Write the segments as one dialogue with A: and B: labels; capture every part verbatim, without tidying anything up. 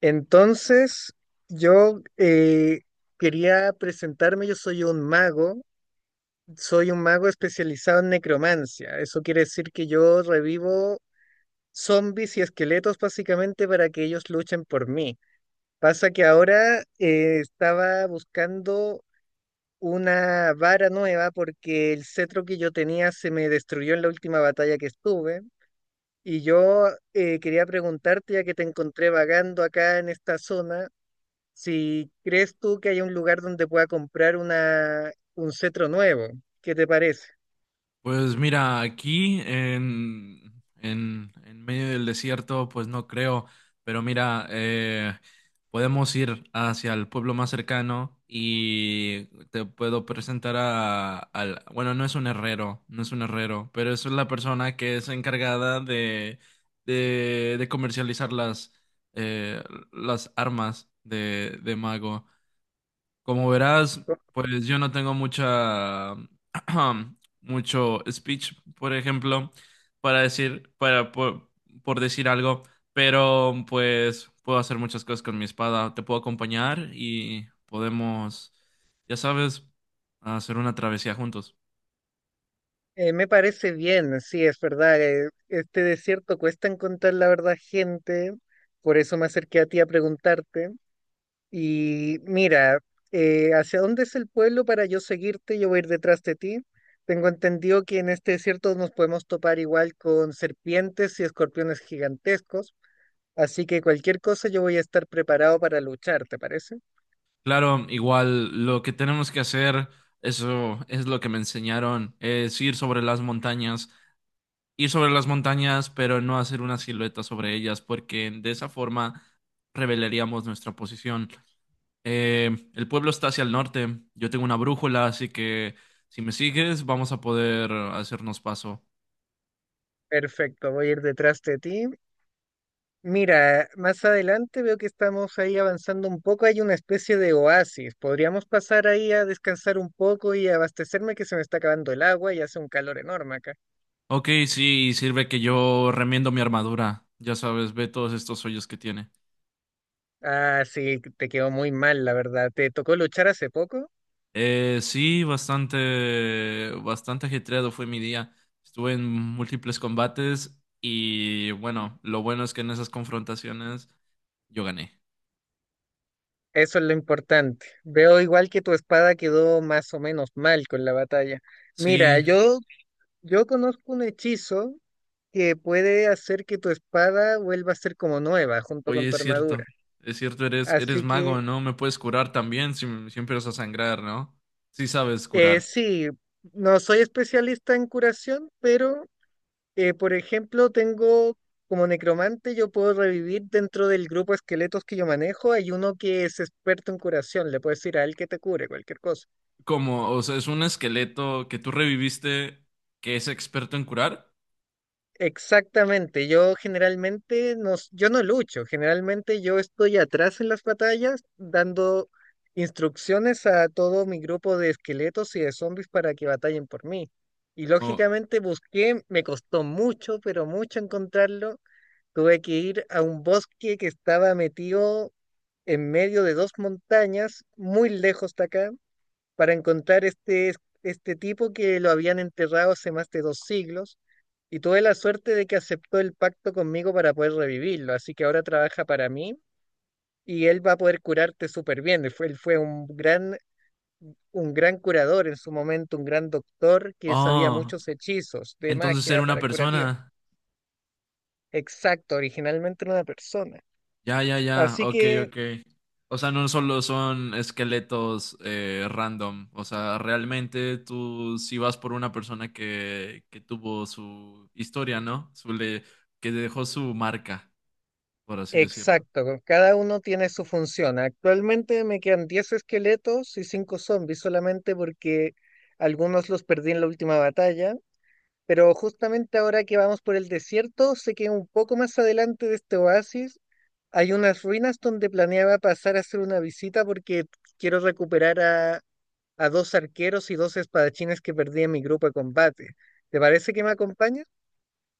A: Entonces, yo eh, quería presentarme, yo soy un mago, soy un mago especializado en necromancia. Eso quiere decir que yo revivo zombies y esqueletos básicamente para que ellos luchen por mí. Pasa que ahora eh, estaba buscando una vara nueva porque el cetro que yo tenía se me destruyó en la última batalla que estuve. Y yo eh, quería preguntarte, ya que te encontré vagando acá en esta zona, si crees tú que hay un lugar donde pueda comprar una, un cetro nuevo, ¿qué te parece?
B: Pues mira, aquí en, en, en medio del desierto, pues no creo, pero mira, eh, podemos ir hacia el pueblo más cercano y te puedo presentar a, al, bueno, no es un herrero, no es un herrero, pero es la persona que es encargada de, de, de comercializar las, eh, las armas de, de mago. Como verás, pues yo no tengo mucha, mucho speech, por ejemplo, para decir, para, por, por decir algo, pero pues puedo hacer muchas cosas con mi espada. Te puedo acompañar y podemos, ya sabes, hacer una travesía juntos.
A: Eh, me parece bien, sí, es verdad. Eh, este desierto cuesta encontrar la verdad, gente. Por eso me acerqué a ti a preguntarte. Y mira, eh, ¿hacia dónde es el pueblo para yo seguirte? Yo voy a ir detrás de ti. Tengo entendido que en este desierto nos podemos topar igual con serpientes y escorpiones gigantescos. Así que cualquier cosa yo voy a estar preparado para luchar, ¿te parece?
B: Claro, igual lo que tenemos que hacer, eso es lo que me enseñaron, es ir sobre las montañas ir sobre las montañas, pero no hacer una silueta sobre ellas, porque de esa forma revelaríamos nuestra posición. Eh, el pueblo está hacia el norte, yo tengo una brújula, así que si me sigues vamos a poder hacernos paso.
A: Perfecto, voy a ir detrás de ti. Mira, más adelante veo que estamos ahí avanzando un poco. Hay una especie de oasis. Podríamos pasar ahí a descansar un poco y abastecerme que se me está acabando el agua y hace un calor enorme acá.
B: Ok, sí, sirve que yo remiendo mi armadura, ya sabes, ve todos estos hoyos que tiene.
A: Ah, sí, te quedó muy mal, la verdad. ¿Te tocó luchar hace poco?
B: Eh, sí, bastante, bastante ajetreado fue mi día. Estuve en múltiples combates y bueno, lo bueno es que en esas confrontaciones yo gané.
A: Eso es lo importante. Veo igual que tu espada quedó más o menos mal con la batalla.
B: Sí,
A: Mira, yo, yo conozco un hechizo que puede hacer que tu espada vuelva a ser como nueva junto
B: oye,
A: con
B: es
A: tu
B: cierto.
A: armadura.
B: Es cierto, eres, eres
A: Así que
B: mago, ¿no? Me puedes curar también si, si empiezas a sangrar, ¿no? Sí sabes
A: eh,
B: curar.
A: sí, no soy especialista en curación, pero eh, por ejemplo tengo como necromante, yo puedo revivir dentro del grupo de esqueletos que yo manejo, hay uno que es experto en curación, le puedes decir a él que te cure cualquier cosa.
B: Como, o sea, es un esqueleto que tú reviviste que es experto en curar.
A: Exactamente, yo generalmente no, s- yo no lucho, generalmente yo estoy atrás en las batallas dando instrucciones a todo mi grupo de esqueletos y de zombies para que batallen por mí. Y
B: O,
A: lógicamente busqué, me costó mucho, pero mucho encontrarlo. Tuve que ir a un bosque que estaba metido en medio de dos montañas, muy lejos de acá, para encontrar este, este tipo que lo habían enterrado hace más de dos siglos y tuve la suerte de que aceptó el pacto conmigo para poder revivirlo, así que ahora trabaja para mí y él va a poder curarte súper bien. Él fue, él fue un gran, un gran curador en su momento, un gran doctor que sabía
B: oh,
A: muchos hechizos de
B: entonces era
A: magia
B: una
A: para curativa.
B: persona.
A: Exacto, originalmente era una persona.
B: Ya, ya, ya.
A: Así
B: Ok,
A: que,
B: ok. O sea, no solo son esqueletos eh, random. O sea, realmente tú sí vas por una persona que, que tuvo su historia, ¿no? Su le, que dejó su marca, por así decirlo.
A: exacto, cada uno tiene su función. Actualmente me quedan diez esqueletos y cinco zombies solamente porque algunos los perdí en la última batalla. Pero justamente ahora que vamos por el desierto, sé que un poco más adelante de este oasis hay unas ruinas donde planeaba pasar a hacer una visita porque quiero recuperar a, a dos arqueros y dos espadachines que perdí en mi grupo de combate. ¿Te parece que me acompañas?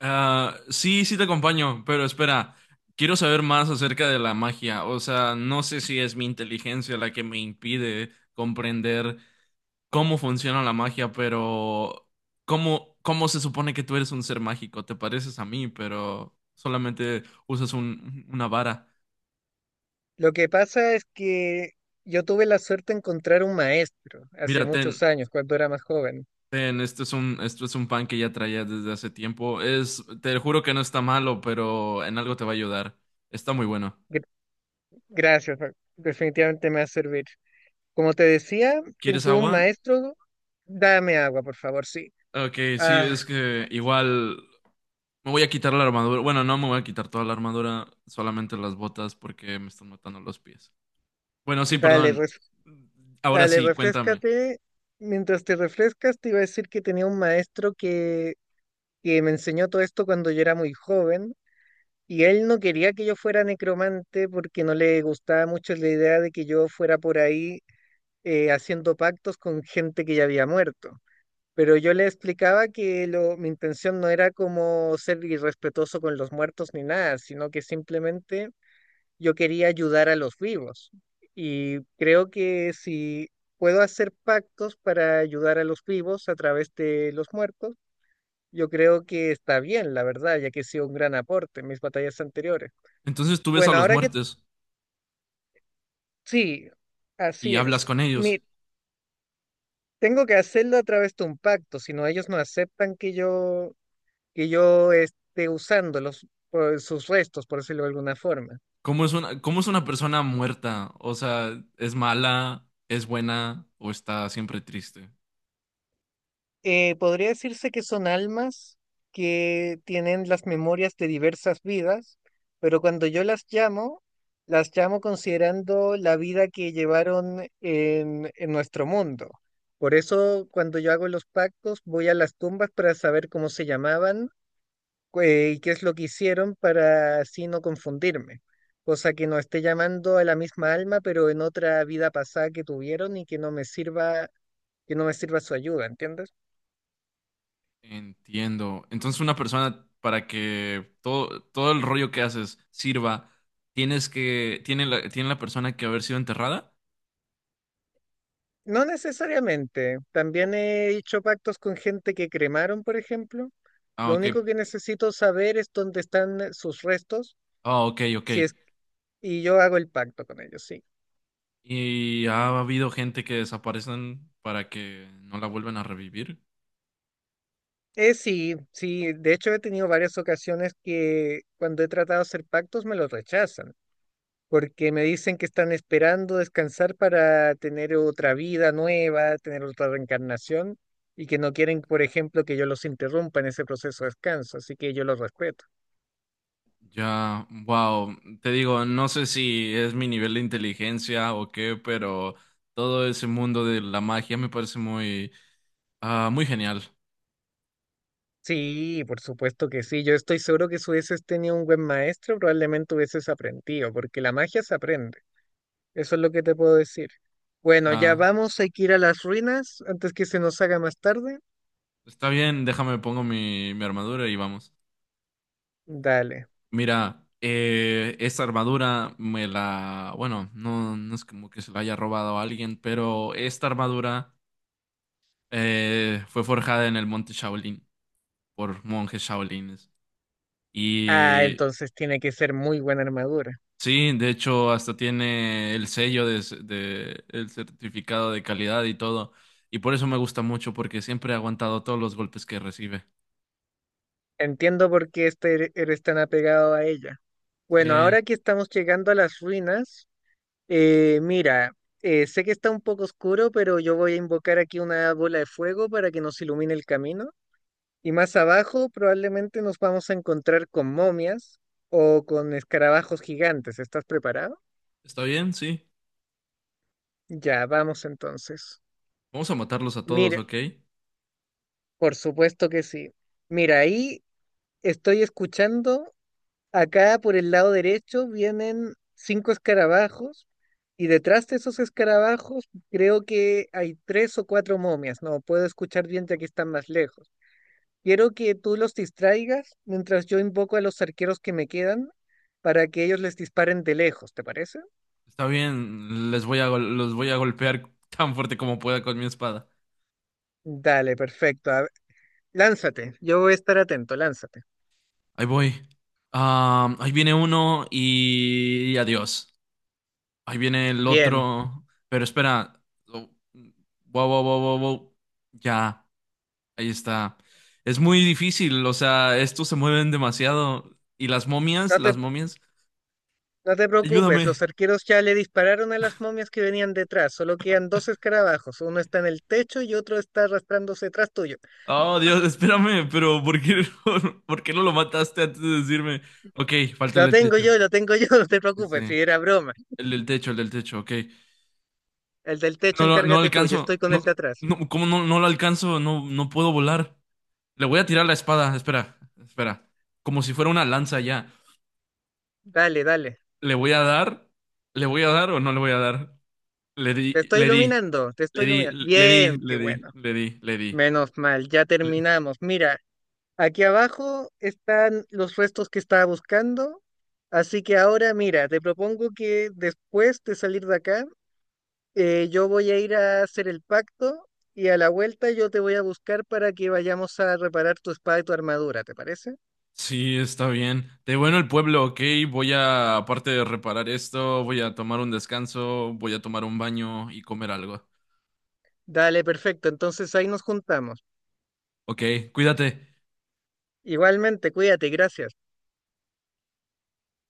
B: Ah, sí, sí te acompaño, pero espera, quiero saber más acerca de la magia. O sea, no sé si es mi inteligencia la que me impide comprender cómo funciona la magia, pero cómo, cómo se supone que tú eres un ser mágico. Te pareces a mí, pero solamente usas un, una vara.
A: Lo que pasa es que yo tuve la suerte de encontrar un maestro hace
B: Mira, ten,
A: muchos años, cuando era más joven.
B: ten, esto es un, esto es un pan que ya traía desde hace tiempo. Es, te juro que no está malo, pero en algo te va a ayudar. Está muy bueno.
A: Gr- Gracias, Fa- definitivamente me va a servir. Como te decía,
B: ¿Quieres
A: tuve un
B: agua?
A: maestro, dame agua, por favor, sí.
B: Ok, sí,
A: Ah,
B: es que igual me voy a quitar la armadura. Bueno, no me voy a quitar toda la armadura, solamente las botas porque me están matando los pies. Bueno, sí,
A: Dale,
B: perdón.
A: res-
B: Ahora
A: dale,
B: sí, cuéntame.
A: refrescate. Mientras te refrescas, te iba a decir que tenía un maestro que, que me enseñó todo esto cuando yo era muy joven y él no quería que yo fuera necromante porque no le gustaba mucho la idea de que yo fuera por ahí eh, haciendo pactos con gente que ya había muerto. Pero yo le explicaba que lo, mi intención no era como ser irrespetuoso con los muertos ni nada, sino que simplemente yo quería ayudar a los vivos y creo que si puedo hacer pactos para ayudar a los vivos a través de los muertos, yo creo que está bien, la verdad, ya que ha sido un gran aporte en mis batallas anteriores.
B: Entonces tú ves a
A: Bueno,
B: los
A: ahora que
B: muertos
A: sí,
B: y
A: así
B: hablas
A: es.
B: con ellos.
A: Mi, tengo que hacerlo a través de un pacto, si no ellos no aceptan que yo que yo esté usándolos por sus restos, por decirlo de alguna forma.
B: ¿Cómo es una, cómo es una persona muerta? O sea, ¿es mala, es buena o está siempre triste?
A: Eh, podría decirse que son almas que tienen las memorias de diversas vidas, pero cuando yo las llamo, las llamo considerando la vida que llevaron en, en nuestro mundo. Por eso, cuando yo hago los pactos, voy a las tumbas para saber cómo se llamaban, eh, y qué es lo que hicieron para así no confundirme. Cosa que no esté llamando a la misma alma, pero en otra vida pasada que tuvieron y que no me sirva, que no me sirva su ayuda, ¿entiendes?
B: Entiendo. Entonces una persona para que todo, todo el rollo que haces sirva, tienes que, tiene la, tiene la persona que haber sido enterrada.
A: No necesariamente. También he hecho pactos con gente que cremaron, por ejemplo.
B: Ah,
A: Lo
B: ok.
A: único que necesito saber es dónde están eh, sus restos,
B: Ah, ok, ok.
A: si es, y yo hago el pacto con ellos, sí.
B: ¿Y ha habido gente que desaparecen para que no la vuelvan a revivir?
A: Eh, sí, sí, de hecho he tenido varias ocasiones que cuando he tratado de hacer pactos me los rechazan, porque me dicen que están esperando descansar para tener otra vida nueva, tener otra reencarnación, y que no quieren, por ejemplo, que yo los interrumpa en ese proceso de descanso, así que yo los respeto.
B: Ya, wow. Te digo, no sé si es mi nivel de inteligencia o qué, pero todo ese mundo de la magia me parece muy, ah, muy genial.
A: Sí, por supuesto que sí. Yo estoy seguro que si hubieses tenido un buen maestro, probablemente hubieses aprendido, porque la magia se aprende. Eso es lo que te puedo decir. Bueno, ya
B: Ya,
A: vamos, hay que ir a las ruinas antes que se nos haga más tarde.
B: está bien, déjame pongo mi, mi armadura y vamos.
A: Dale.
B: Mira, eh, esta armadura me la, bueno, no, no es como que se la haya robado a alguien, pero esta armadura Eh, fue forjada en el monte Shaolin por monjes shaolines.
A: Ah,
B: Y
A: entonces tiene que ser muy buena armadura.
B: sí, de hecho, hasta tiene el sello de, ce- de- el certificado de calidad y todo. Y por eso me gusta mucho, porque siempre ha aguantado todos los golpes que recibe.
A: Entiendo por qué este er- eres tan apegado a ella.
B: Sí,
A: Bueno, ahora que estamos llegando a las ruinas, eh, mira, eh, sé que está un poco oscuro, pero yo voy a invocar aquí una bola de fuego para que nos ilumine el camino. Y más abajo probablemente nos vamos a encontrar con momias o con escarabajos gigantes. ¿Estás preparado?
B: está bien, sí.
A: Ya, vamos entonces.
B: Vamos a matarlos a todos,
A: Mira,
B: ¿ok?
A: por supuesto que sí. Mira, ahí estoy escuchando. Acá por el lado derecho vienen cinco escarabajos y detrás de esos escarabajos creo que hay tres o cuatro momias. No puedo escuchar bien ya que están más lejos. Quiero que tú los distraigas mientras yo invoco a los arqueros que me quedan para que ellos les disparen de lejos, ¿te parece?
B: Está bien, les voy a, gol- los voy a golpear tan fuerte como pueda con mi espada.
A: Dale, perfecto. A ver, lánzate, yo voy a estar atento, lánzate.
B: Ahí voy. Ah, ahí viene uno y y adiós. Ahí viene el
A: Bien,
B: otro. Pero espera. Oh, wow, wow, wow, wow, wow. Ya, ahí está. Es muy difícil, o sea, estos se mueven demasiado. ¿Y las momias?
A: no te,
B: Las momias.
A: no te preocupes, los
B: Ayúdame.
A: arqueros ya le dispararon a las momias que venían detrás, solo quedan dos escarabajos, uno está en el techo y otro está arrastrándose detrás tuyo.
B: Oh, Dios, espérame, pero ¿por qué, por qué no lo mataste antes de decirme? Ok, falta el
A: Lo
B: del
A: tengo
B: techo.
A: yo, lo tengo yo, no te preocupes,
B: Ese,
A: si era broma.
B: el del techo, el del techo, ok.
A: El del techo
B: No, lo- no
A: encárgate tú, yo estoy
B: alcanzo.
A: con
B: No,
A: el de atrás.
B: no, ¿cómo no, no lo alcanzo? No, no puedo volar. Le voy a tirar la espada, espera, espera. Como si fuera una lanza ya.
A: Dale, dale.
B: ¿Le voy a dar? ¿Le voy a dar o no le voy a dar? Le di,
A: Te estoy
B: le di,
A: iluminando, te
B: le
A: estoy
B: di,
A: iluminando.
B: le di,
A: Bien, qué
B: le di,
A: bueno.
B: le di, le di.
A: Menos mal, ya
B: Le-
A: terminamos. Mira, aquí abajo están los restos que estaba buscando. Así que ahora, mira, te propongo que después de salir de acá, eh, yo voy a ir a hacer el pacto y a la vuelta yo te voy a buscar para que vayamos a reparar tu espada y tu armadura, ¿te parece?
B: Sí, está bien. De bueno el pueblo, ok. Voy a, aparte de reparar esto, voy a tomar un descanso, voy a tomar un baño y comer algo.
A: Dale, perfecto. Entonces ahí nos juntamos.
B: Ok, cuídate.
A: Igualmente, cuídate, gracias.